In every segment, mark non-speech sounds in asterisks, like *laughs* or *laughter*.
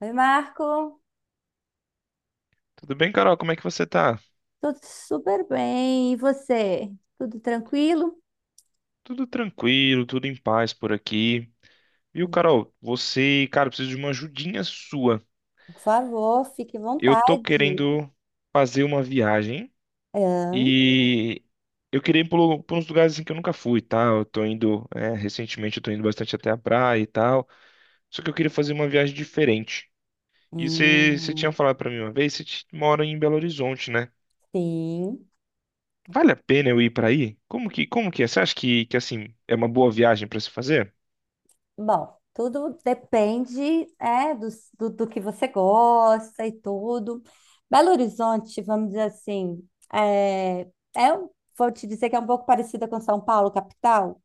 Oi, Marco. Tudo bem, Carol? Como é que você tá? Tudo super bem. E você? Tudo tranquilo? Tudo tranquilo, tudo em paz por aqui. Viu, Carol? Você, cara, eu preciso de uma ajudinha sua. Por favor, fique à Eu tô vontade. querendo fazer uma viagem Ahn, e eu queria ir por uns lugares assim, que eu nunca fui, tá? Eu tô indo, recentemente eu tô indo bastante até a praia e tal. Só que eu queria fazer uma viagem diferente. E você hum, tinha falado pra mim uma vez, mora em Belo Horizonte, né? sim. Vale a pena eu ir pra aí? Como que é? Você acha que assim, é uma boa viagem pra se fazer? Bom, tudo depende, do que você gosta e tudo. Belo Horizonte, vamos dizer assim, é, é, um- vou te dizer que é um pouco parecida com São Paulo, capital.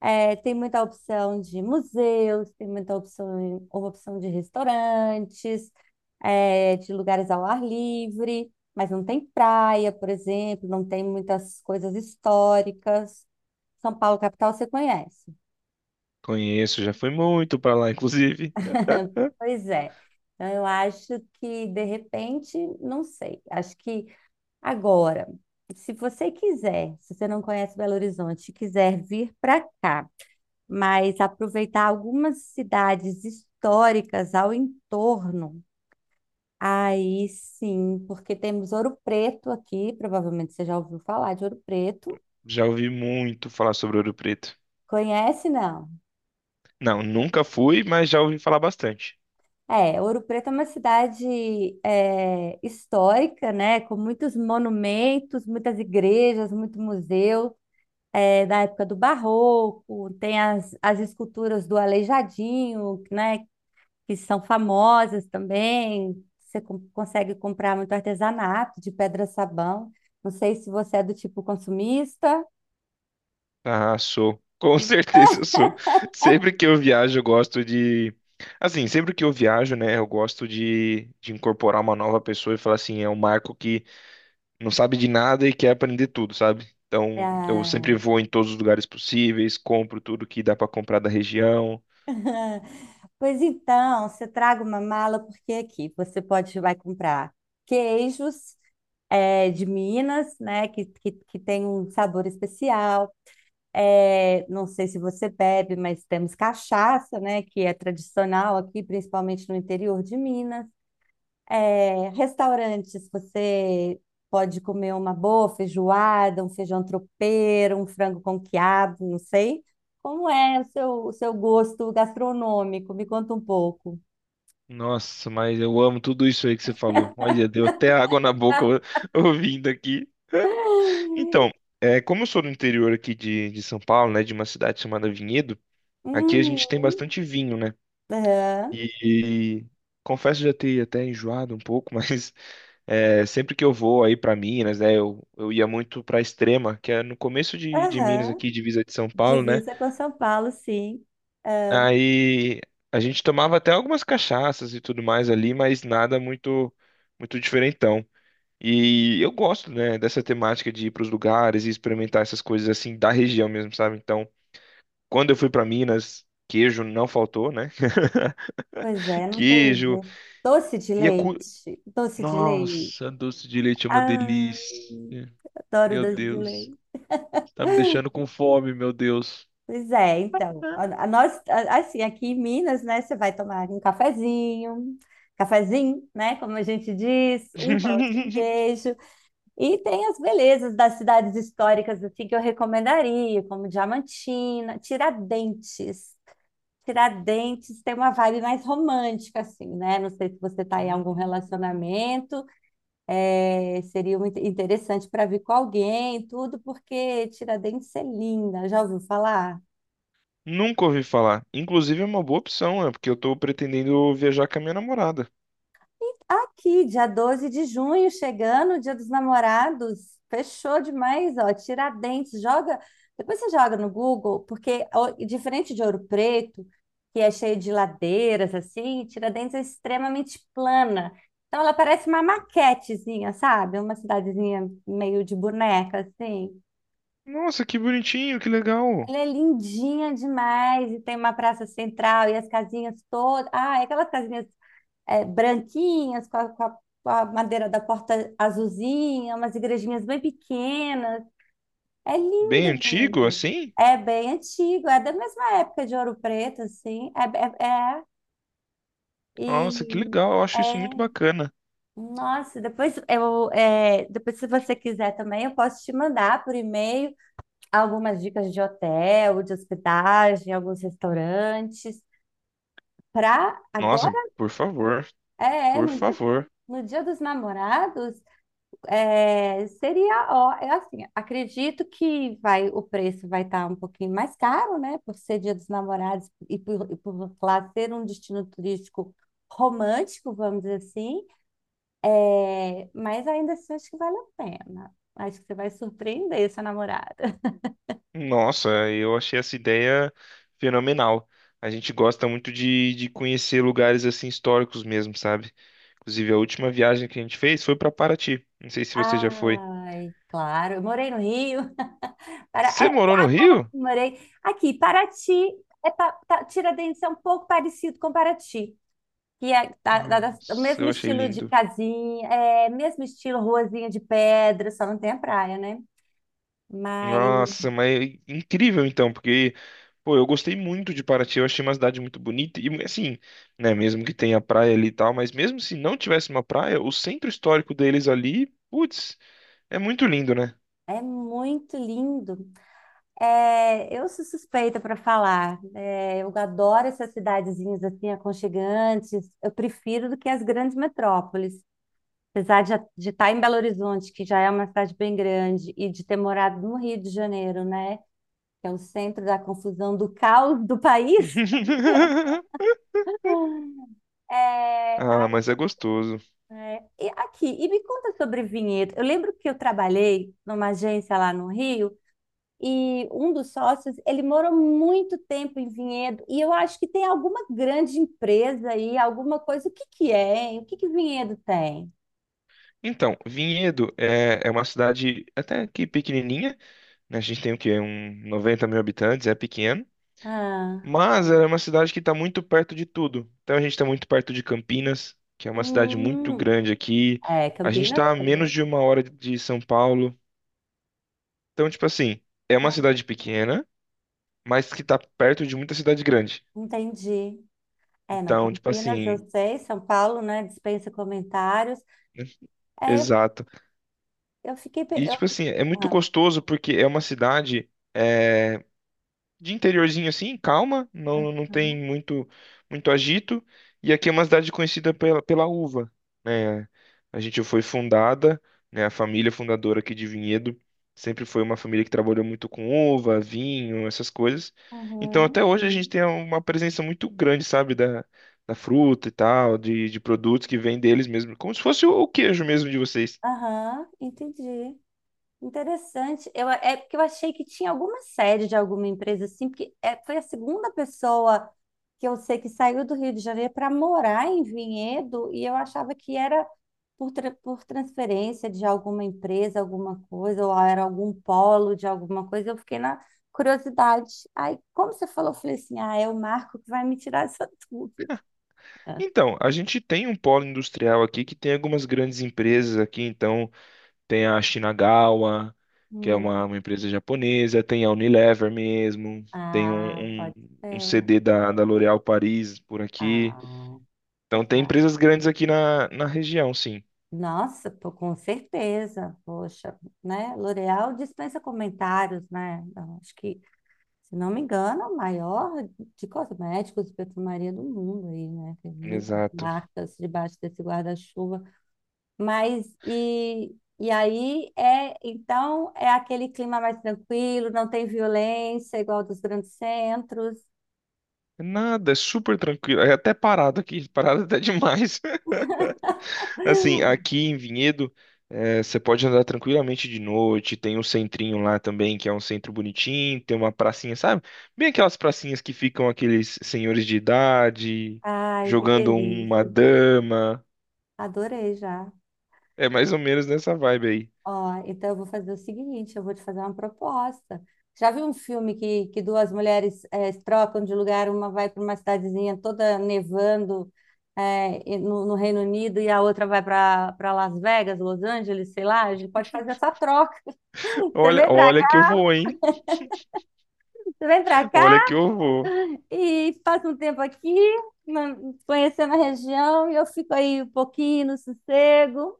É, tem muita opção de museus, tem muita opção de restaurantes, de lugares ao ar livre, mas não tem praia, por exemplo, não tem muitas coisas históricas. São Paulo, capital, você conhece. Conheço, já fui muito pra lá, inclusive. *laughs* Pois é. Então, eu acho que, de repente, não sei. Acho que agora, se você quiser, se você não conhece Belo Horizonte, e quiser vir para cá, mas aproveitar algumas cidades históricas ao entorno. Aí sim, porque temos Ouro Preto aqui, provavelmente você já ouviu falar de Ouro Preto. Já ouvi muito falar sobre Ouro Preto. Conhece, não? Não, nunca fui, mas já ouvi falar bastante. É, Ouro Preto é uma cidade histórica, né? Com muitos monumentos, muitas igrejas, muito museu. É, da época do Barroco, tem as esculturas do Aleijadinho, né? Que são famosas também. Você consegue comprar muito artesanato de pedra-sabão. Não sei se você é do tipo consumista. Ah, sou. Com *laughs* certeza eu sou. Sempre que eu viajo, eu gosto de. Assim, sempre que eu viajo, né, eu gosto de incorporar uma nova pessoa e falar assim, é um Marco que não sabe de nada e quer aprender tudo, sabe? Então, eu Ah, sempre vou em todos os lugares possíveis, compro tudo que dá pra comprar da região. pois então, você traga uma mala, porque aqui você pode vai comprar queijos de Minas, né? Que tem um sabor especial. Não sei se você bebe, mas temos cachaça, né? Que é tradicional aqui, principalmente no interior de Minas. É, restaurantes, você pode comer uma boa feijoada, um feijão tropeiro, um frango com quiabo, não sei. Como é o seu gosto gastronômico? Me conta um pouco. Nossa, mas eu amo tudo isso aí que você falou. Olha, deu até água na boca *laughs* ouvindo aqui. Então, é, como eu sou do interior aqui de São Paulo, né, de uma cidade chamada Vinhedo, aqui a gente tem Uhum. bastante vinho, né? Aham, E confesso já ter até enjoado um pouco, *laughs* mas é, sempre que eu vou aí para Minas, né, eu ia muito para Extrema, que é no começo de Minas aham. aqui, divisa de São Paulo, né? Divisa com São Paulo, sim. Ah, Aí a gente tomava até algumas cachaças e tudo mais ali, mas nada muito diferentão. E eu gosto, né, dessa temática de ir para os lugares e experimentar essas coisas assim da região mesmo, sabe? Então, quando eu fui para Minas, queijo não faltou, né? pois *laughs* é, não tem Queijo jeito. Doce de e a cu... leite. Doce de leite. Nossa, doce de leite é uma Ah, delícia. adoro Meu doce de Deus, leite. tá me deixando com fome, meu Deus. Pois é, então, assim, aqui em Minas, né, você vai tomar um cafezinho, cafezinho, né, como a gente diz, um pão de *laughs* queijo, e tem as belezas das cidades históricas, assim, que eu recomendaria, como Diamantina, Tiradentes. Tiradentes tem uma vibe mais romântica, assim, né, não sei se você está em algum Hum. relacionamento, é, seria muito interessante para vir com alguém, tudo, porque Tiradentes é linda, já ouviu falar? Nunca ouvi falar. Inclusive é uma boa opção, é porque eu tô pretendendo viajar com a minha namorada. Aqui, dia 12 de junho, chegando, Dia dos Namorados. Fechou demais, ó. Tiradentes, joga. Depois você joga no Google, porque ó, diferente de Ouro Preto, que é cheio de ladeiras, assim, Tiradentes é extremamente plana. Então ela parece uma maquetezinha, sabe? Uma cidadezinha meio de boneca, assim. Nossa, que bonitinho, que legal. Ela é lindinha demais e tem uma praça central e as casinhas todas. Ah, é aquelas casinhas é, branquinhas, com a madeira da porta azulzinha, umas igrejinhas bem pequenas. É Bem lindo, antigo, lindo. assim? É bem antigo, é da mesma época de Ouro Preto, assim. É, é, é. Nossa, que E legal, eu acho isso é, muito bacana. nossa, depois se você quiser também, eu posso te mandar por e-mail algumas dicas de hotel, de hospedagem, alguns restaurantes. Para Nossa, agora, por favor, é, é, por no dia, favor. no dia dos namorados, é, seria, ó, é assim, acredito que vai, o preço vai estar um pouquinho mais caro, né? Por ser Dia dos Namorados e por lá ser um destino turístico romântico, vamos dizer assim. É, mas ainda assim, acho que vale a pena. Acho que você vai surpreender sua namorada. *laughs* Nossa, eu achei essa ideia fenomenal. A gente gosta muito de conhecer lugares assim históricos mesmo, sabe? Inclusive, a última viagem que a gente fez foi para Paraty. Não sei se você já foi. Ai, claro, eu morei no Rio. Para, Você é, morou no ah, Rio? Morei aqui, Paraty. É, Tiradentes é um pouco parecido com Paraty. Que é o Nossa, mesmo eu achei estilo de lindo. casinha, é mesmo estilo ruazinha de pedra, só não tem a praia, né? Mas Nossa, mas é incrível então, porque, pô, eu gostei muito de Paraty, eu achei uma cidade muito bonita, e assim, né, mesmo que tenha praia ali e tal, mas mesmo se não tivesse uma praia, o centro histórico deles ali, putz, é muito lindo, né? é muito lindo. É, eu sou suspeita para falar. É, eu adoro essas cidadezinhas assim aconchegantes. Eu prefiro do que as grandes metrópoles. Apesar de estar em Belo Horizonte, que já é uma cidade bem grande, e de ter morado no Rio de Janeiro, né? Que é o centro da confusão, do caos do país. *laughs* *laughs* É, Ah, mas é gostoso. E aqui, e me conta sobre vinhedo. Eu lembro que eu trabalhei numa agência lá no Rio e um dos sócios, ele morou muito tempo em Vinhedo e eu acho que tem alguma grande empresa aí, alguma coisa. O que que é, hein? O que que Vinhedo tem? Então, Vinhedo é uma cidade até que pequenininha, né? A gente tem o quê? Um 90 mil habitantes, é pequeno. Ah, Mas ela é uma cidade que está muito perto de tudo. Então a gente está muito perto de Campinas, que é uma cidade muito hum, grande aqui. A gente Campinas? está a menos de uma hora de São Paulo. Então, tipo assim, é uma Ah, cidade pequena, mas que está perto de muita cidade grande. entendi. É, não, Então, tipo Campinas eu assim, sei, São Paulo, né? Dispensa comentários. É, eu, exato. eu fiquei. E, tipo assim, é muito ah, gostoso porque é uma cidade. Eh, de interiorzinho assim, calma, não tem muito agito. E aqui é uma cidade conhecida pela uva, né? A gente foi fundada, né? A família fundadora aqui de Vinhedo sempre foi uma família que trabalhou muito com uva, vinho, essas coisas. Então uhum, até hoje a gente tem uma presença muito grande, sabe, da, da fruta e tal, de produtos que vêm deles mesmo, como se fosse o queijo mesmo de vocês. aham, entendi. Interessante. Eu, é porque eu achei que tinha alguma sede de alguma empresa assim, porque é, foi a segunda pessoa que eu sei que saiu do Rio de Janeiro para morar em Vinhedo e eu achava que era por, por transferência de alguma empresa, alguma coisa, ou era algum polo de alguma coisa. Eu fiquei na curiosidade. Aí, como você falou, eu falei assim: ah, é o Marco que vai me tirar essa *laughs* dúvida. Então, a gente tem um polo industrial aqui que tem algumas grandes empresas aqui, então tem a Shinagawa, que é Hum. uma empresa japonesa, tem a Unilever mesmo, tem Ah, um, um, pode um ser. CD da L'Oréal Paris por aqui. Ah, Então tem empresas grandes aqui na, na região, sim. nossa, pô, com certeza, poxa, né? L'Oréal dispensa comentários, né? Eu acho que, se não me engano, é o maior de cosméticos e perfumaria do mundo aí, né? Tem muitas Exato. marcas debaixo desse guarda-chuva. Mas e aí então é aquele clima mais tranquilo, não tem violência igual dos grandes centros. Nada, é super tranquilo. É até parado aqui, *laughs* parado até demais. Assim, aqui em Vinhedo, eh, você pode andar tranquilamente de noite. Tem um centrinho lá também, que é um centro bonitinho. Tem uma pracinha, sabe? Bem aquelas pracinhas que ficam aqueles senhores de idade Ai, que jogando uma delícia. dama. Adorei já. É mais ou menos nessa vibe aí. Ó, então eu vou fazer o seguinte, eu vou te fazer uma proposta. Já viu um filme que duas mulheres se trocam de lugar, uma vai para uma cidadezinha toda nevando e no Reino Unido e a outra vai para Las Vegas, Los Angeles, sei lá, a gente pode fazer essa troca. *laughs* Você Olha, vem para olha que eu vou, hein? você vem para Olha que cá eu vou. e passa um tempo aqui, na- conhecendo a região, e eu fico aí um pouquinho no sossego.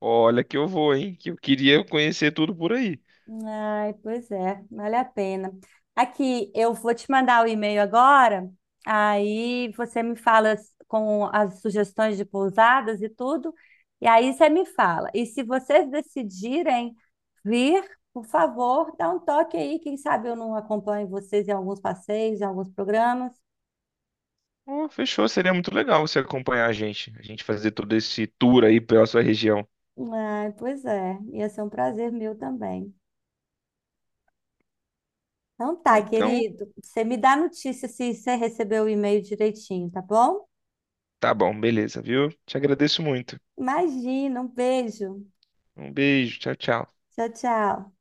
Olha que eu vou, hein? Que eu queria conhecer tudo por aí. Ai, pois é, vale a pena. Aqui, eu vou te mandar o e-mail agora, aí você me fala com as sugestões de pousadas e tudo, e aí você me fala. E se vocês decidirem vir, por favor, dá um toque aí, quem sabe eu não acompanho vocês em alguns passeios, em alguns programas. Oh, fechou, seria muito legal você acompanhar a gente. A gente fazer todo esse tour aí pela sua região. Ai, pois é, ia ser um prazer meu também. Então tá, É, então. querido, você me dá notícia se você recebeu o e-mail direitinho, tá bom? Tá bom, beleza, viu? Te agradeço muito. Imagina, um beijo. Um beijo, tchau, tchau. Tchau, tchau.